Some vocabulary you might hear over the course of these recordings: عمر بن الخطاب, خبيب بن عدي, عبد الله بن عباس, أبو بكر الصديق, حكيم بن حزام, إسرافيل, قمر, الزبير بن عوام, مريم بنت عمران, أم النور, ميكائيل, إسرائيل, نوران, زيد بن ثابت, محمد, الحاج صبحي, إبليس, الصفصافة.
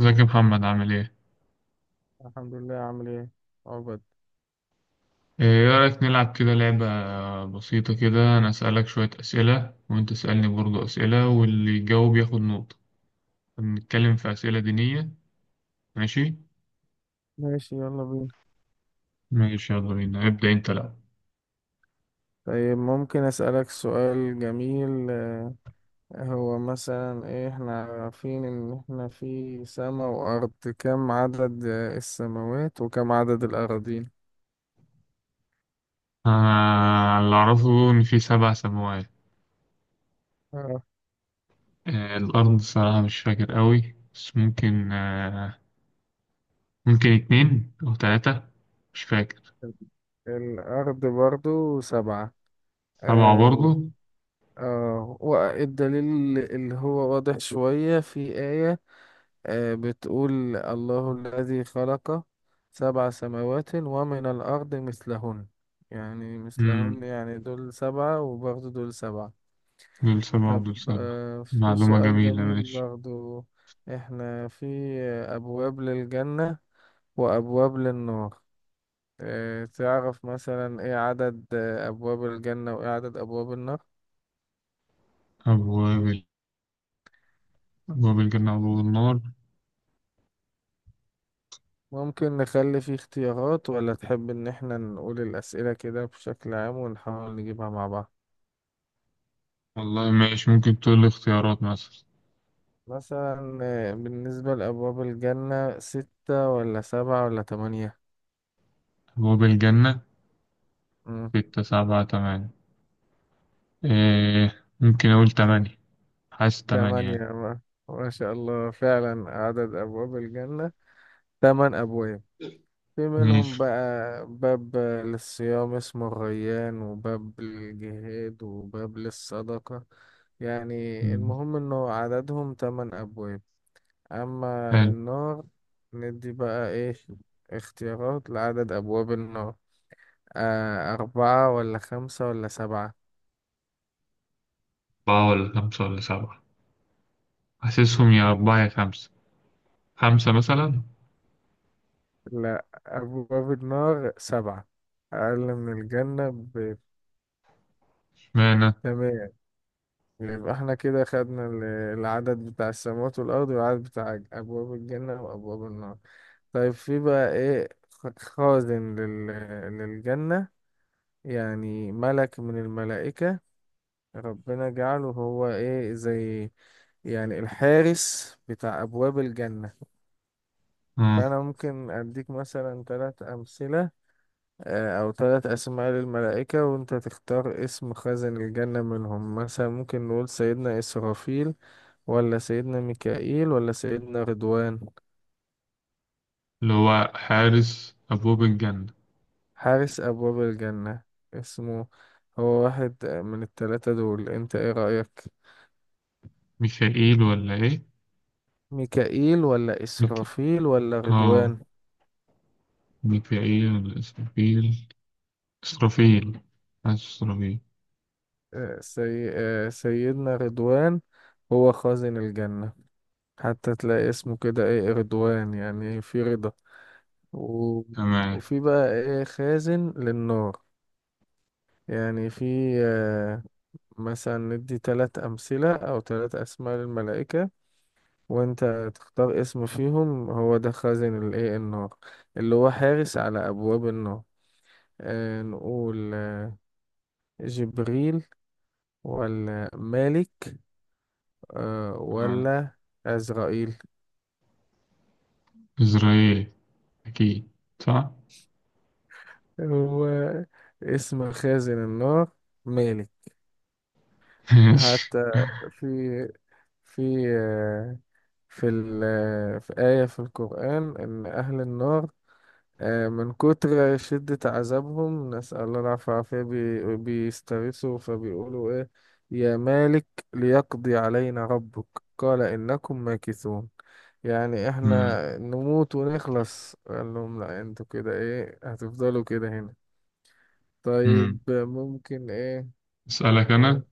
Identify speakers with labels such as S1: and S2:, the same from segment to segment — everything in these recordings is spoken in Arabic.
S1: ازيك يا محمد، عامل ايه؟
S2: الحمد لله. عامل ايه؟ عقبد.
S1: ايه رأيك نلعب كده لعبة بسيطة كده؟ انا اسألك شوية اسئلة وانت تسألني برضو اسئلة، واللي يجاوب ياخد نقطة. نتكلم في اسئلة دينية، ماشي؟
S2: ماشي، يلا بينا.
S1: ماشي يلا بينا، ابدأ انت. لا.
S2: طيب، ممكن أسألك سؤال جميل؟ هو مثلا ايه، احنا عارفين ان احنا في سماء وأرض. كم عدد السماوات وكم عدد الأراضين؟
S1: آه، اللي اعرفه ان في سبع سماوات.
S2: آه.
S1: آه الارض الصراحة مش فاكر قوي، بس ممكن ممكن اتنين او تلاتة. مش فاكر.
S2: الأرض برضو سبعة.
S1: سبعة
S2: آه و...
S1: برضو.
S2: والدليل اللي هو واضح شوية في آية بتقول: الله الذي خلق سبع سماوات ومن الأرض مثلهن. يعني مثلهن،
S1: مم.
S2: يعني دول سبعة وبرضه دول سبعة.
S1: دول سبعة
S2: طب،
S1: ودول سبعة.
S2: في
S1: معلومة
S2: سؤال
S1: جميلة،
S2: جميل
S1: ماشي.
S2: برضه. احنا في أبواب للجنة وأبواب للنار. تعرف مثلا ايه عدد أبواب الجنة وايه عدد أبواب النار؟
S1: أبواب أبواب بالجنة وأبواب النار.
S2: ممكن نخلي فيه اختيارات، ولا تحب ان احنا نقول الأسئلة كده بشكل عام ونحاول نجيبها مع بعض؟
S1: والله ماشي، ممكن تقول لي اختيارات مثلا.
S2: مثلا بالنسبة لأبواب الجنة ستة ولا سبعة ولا تمانية؟
S1: أبواب الجنة،
S2: مم.
S1: ستة سبعة تمانية. إيه، ممكن أقول تمانية. حاسس تمانية
S2: تمانية.
S1: يعني.
S2: ما شاء الله، فعلا عدد أبواب الجنة تمن أبواب. في منهم
S1: ماشي.
S2: بقى باب للصيام اسمه الريان، وباب للجهاد، وباب للصدقة، يعني.
S1: مم.
S2: المهم إنه عددهم تمن أبواب. أما
S1: حلو.
S2: النار، ندي بقى إيه اختيارات لعدد أبواب النار. أربعة ولا خمسة ولا سبعة؟
S1: أربعة ولا خمسة ولا سبعة. حاسسهم يا أربعة يا خمسة. خمسة مثلا.
S2: لا، أبواب النار سبعة، أقل من الجنة ب...
S1: اشمعنى.
S2: تمام. يبقى احنا كده خدنا العدد بتاع السماوات والأرض، والعدد بتاع أبواب الجنة وأبواب النار. طيب، في بقى إيه خازن للجنة؟ يعني ملك من الملائكة ربنا جعله هو إيه، زي يعني الحارس بتاع أبواب الجنة.
S1: اه.
S2: فأنا ممكن أديك مثلا ثلاث أمثلة أو ثلاث أسماء للملائكة، وأنت تختار اسم خازن الجنة منهم. مثلا ممكن نقول سيدنا إسرافيل، ولا سيدنا ميكائيل، ولا سيدنا رضوان.
S1: اللي هو حارس أبواب الجنة.
S2: حارس أبواب الجنة اسمه، هو واحد من الثلاثة دول، أنت إيه رأيك؟
S1: ميكائيل ولا إيه؟
S2: ميكائيل ولا
S1: ميك...
S2: إسرافيل ولا
S1: اه،
S2: رضوان؟
S1: ميكائيل ولا إسرافيل. إسرافيل. حاسس إسرافيل.
S2: آه، سي... آه، سيدنا رضوان هو خازن الجنة. حتى تلاقي اسمه كده إيه، رضوان، يعني في رضا. و...
S1: تمام.
S2: وفي بقى ايه خازن للنار؟ يعني في آه، مثلا ندي تلات أمثلة أو تلات أسماء للملائكة، وأنت تختار اسم فيهم هو ده خازن الايه النار، اللي هو حارس على أبواب النار. نقول جبريل ولا مالك
S1: تمام.
S2: ولا عزرائيل؟
S1: إسرائيل، أكيد. صح؟
S2: هو اسم خازن النار مالك.
S1: ماشي.
S2: حتى في في آه، في ال في آية في القرآن، إن أهل النار من كتر شدة عذابهم، نسأل الله العافية، والعافية بيستغيثوا، فبيقولوا إيه: يا مالك ليقضي علينا ربك، قال إنكم ماكثون. يعني
S1: مم.
S2: إحنا نموت ونخلص، قال لهم لا، أنتوا كده إيه هتفضلوا كده هنا.
S1: مم.
S2: طيب، ممكن إيه،
S1: أسألك أنا.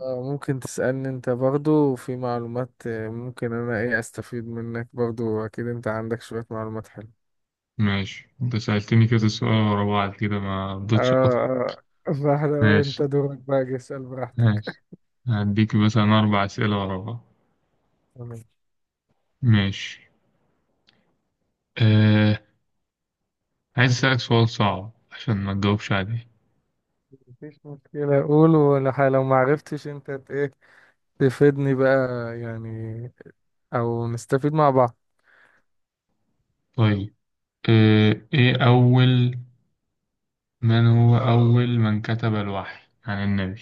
S2: اه، ممكن تسألني انت برضو، في معلومات ممكن انا ايه استفيد منك برضو، اكيد انت عندك شوية معلومات حلوة.
S1: ماشي، أنت سألتني كذا سؤال ورا بعض كده ما رضيتش أقطع.
S2: اه فاحنا،
S1: ماشي.
S2: انت دورك بقى جه، اسأل
S1: ماشي.
S2: براحتك.
S1: هديك مثلا أربع أسئلة ورا بعض.
S2: تمام.
S1: ماشي. أه... عايز أسألك سؤال صعب عشان ما تجاوبش عليه.
S2: مفيش مشكلة، قول، ولو لو ما عرفتش انت ايه تفيدني بقى، يعني، او نستفيد مع بعض.
S1: طيب. أه... إيه أول من هو أول من كتب الوحي عن النبي؟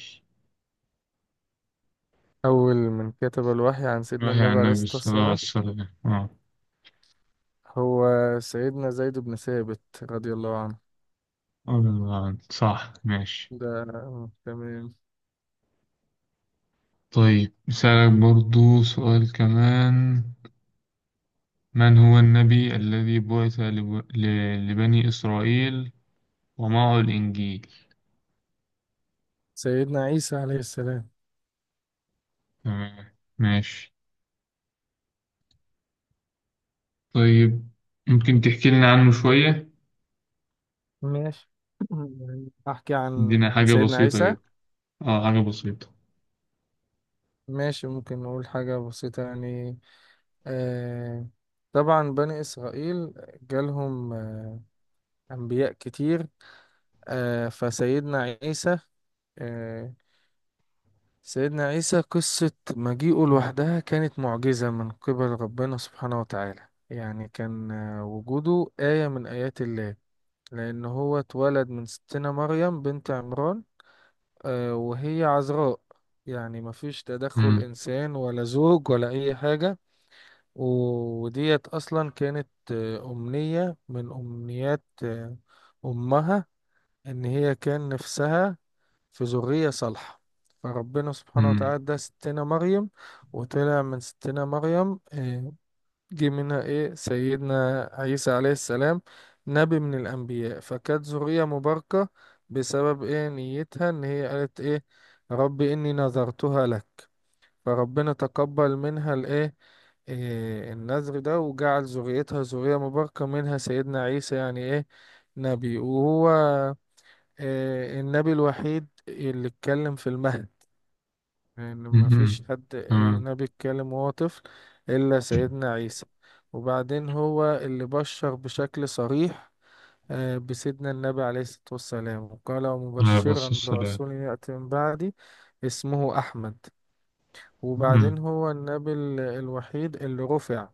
S2: اول من كتب الوحي عن سيدنا
S1: الوحي
S2: النبي
S1: عن
S2: عليه
S1: النبي
S2: الصلاة
S1: صلى الله عليه
S2: والسلام
S1: وسلم،
S2: هو سيدنا زيد بن ثابت رضي الله عنه.
S1: صح، ماشي.
S2: ده تمام.
S1: طيب، بسألك برضو سؤال كمان. من هو النبي الذي بعث لبني إسرائيل ومعه الإنجيل؟
S2: سيدنا عيسى عليه السلام.
S1: تمام ماشي. طيب، ممكن تحكي لنا عنه شوية؟
S2: ماشي. يعني أحكي عن
S1: ادينا
S2: عن
S1: حاجة
S2: سيدنا
S1: بسيطة
S2: عيسى؟
S1: كده. اه، حاجة بسيطة.
S2: ماشي، ممكن نقول حاجة بسيطة يعني. آه، طبعا بني إسرائيل جالهم أنبياء كتير. آه فسيدنا عيسى آه سيدنا عيسى قصة مجيئه لوحدها كانت معجزة من قبل ربنا سبحانه وتعالى. يعني كان وجوده آية من آيات الله، لأن هو اتولد من ستنا مريم بنت عمران وهي عذراء، يعني مفيش تدخل
S1: مم.
S2: إنسان ولا زوج ولا أي حاجة. وديت أصلا كانت أمنية من أمنيات أمها، إن هي كان نفسها في ذرية صالحة. فربنا سبحانه
S1: مم.
S2: وتعالى ده ستنا مريم، وطلع من ستنا مريم جه منها ايه سيدنا عيسى عليه السلام، نبي من الانبياء. فكانت ذرية مباركة بسبب ايه نيتها، ان هي قالت ايه: رب اني نذرتها لك. فربنا تقبل منها الايه، إيه النذر ده، وجعل ذريتها ذرية مباركة، منها سيدنا عيسى، يعني ايه نبي. وهو إيه النبي الوحيد اللي اتكلم في المهد، لأن
S1: مم.
S2: مفيش حد
S1: تمام.
S2: نبي اتكلم وهو طفل إلا سيدنا عيسى. وبعدين هو اللي بشر بشكل صريح بسيدنا النبي عليه الصلاة والسلام، وقال:
S1: عليه الصلاة
S2: مبشرا
S1: والسلام.
S2: برسول يأتي من بعدي اسمه أحمد.
S1: مم.
S2: وبعدين هو النبي الوحيد اللي رفع.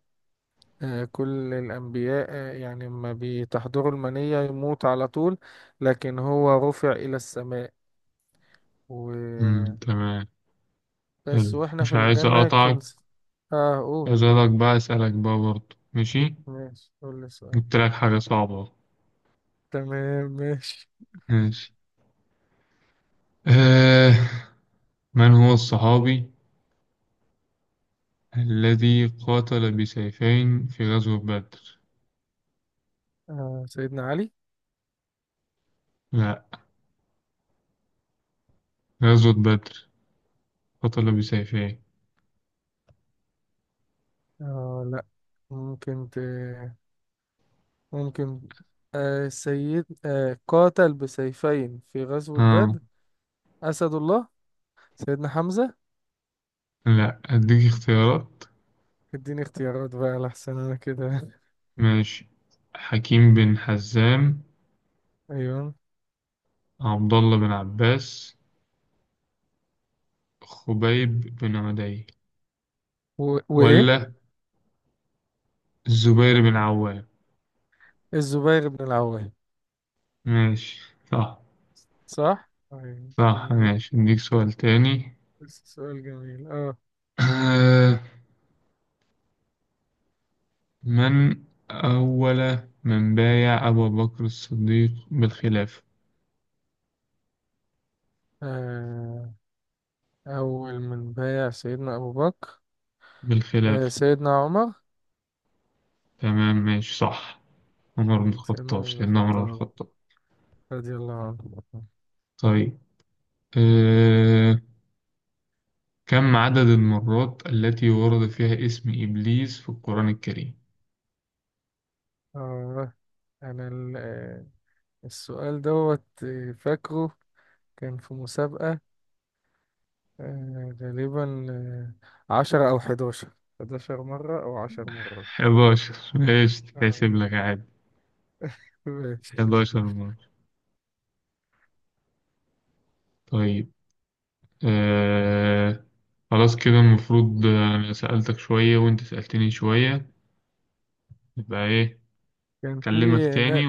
S2: كل الأنبياء يعني ما بتحضره المنية يموت على طول، لكن هو رفع إلى السماء،
S1: مم.
S2: وبس.
S1: تمام. حلو،
S2: وإحنا
S1: مش
S2: في
S1: عايز
S2: الجنة
S1: أقطعك.
S2: كنت. اه، قول.
S1: عايز أقولك بقى، أسألك بقى برضو، ماشي.
S2: ماشي، قول لي السؤال.
S1: جبت لك حاجة صعبة.
S2: تمام ماشي.
S1: ماشي. آه. من هو الصحابي الذي قاتل بسيفين في غزوة بدر؟
S2: سيدنا علي.
S1: لا، غزوة بدر، قاتل بسيفين.
S2: لا. ممكن ت... ممكن، آه سيد آه قاتل بسيفين في غزوة
S1: آه
S2: بدر، أسد الله، سيدنا حمزة.
S1: لا، أديك اختيارات.
S2: اديني اختيارات بقى لحسن انا كده
S1: ماشي. حكيم بن حزام،
S2: ايوه.
S1: عبد الله بن عباس، خبيب بن عدي،
S2: وايه؟
S1: ولا الزبير بن عوام.
S2: الزبير بن العوام.
S1: ماشي، صح.
S2: صح. طيب
S1: صح،
S2: جميل.
S1: ماشي، أديك سؤال تاني.
S2: بس سؤال جميل. اه
S1: آه. من أول من بايع أبو بكر الصديق بالخلافة؟
S2: آه، اول من بايع سيدنا ابو بكر
S1: بالخلاف.
S2: سيدنا عمر.
S1: تمام ماشي، صح. عمر بن
S2: سيدنا
S1: الخطاب،
S2: عمر بن
S1: سيدنا عمر بن
S2: الخطاب
S1: الخطاب.
S2: رضي الله عنه.
S1: طيب. أه... كم عدد المرات التي ورد فيها اسم إبليس في القرآن الكريم؟
S2: آه أنا السؤال دوت فاكره كان في مسابقة، غالبا 10 أو 11، 11 مرة أو 10 مرات.
S1: 11، ماشي
S2: آه.
S1: تحسب لك عادي.
S2: ماشي.
S1: 11 مرة. طيب. أه... خلاص كده المفروض أنا سألتك شوية وأنت سألتني شوية. يبقى إيه؟
S2: كان في.
S1: أكلمك
S2: لا.
S1: تاني،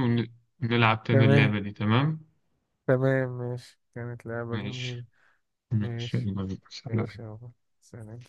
S1: ونلعب تاني
S2: تمام
S1: اللعبة دي، تمام؟
S2: تمام، ماشي، كانت لعبة جميلة.
S1: ماشي. ماشي،
S2: ماشي
S1: يلا بينا. سلام.
S2: ماشي يابا، سلام.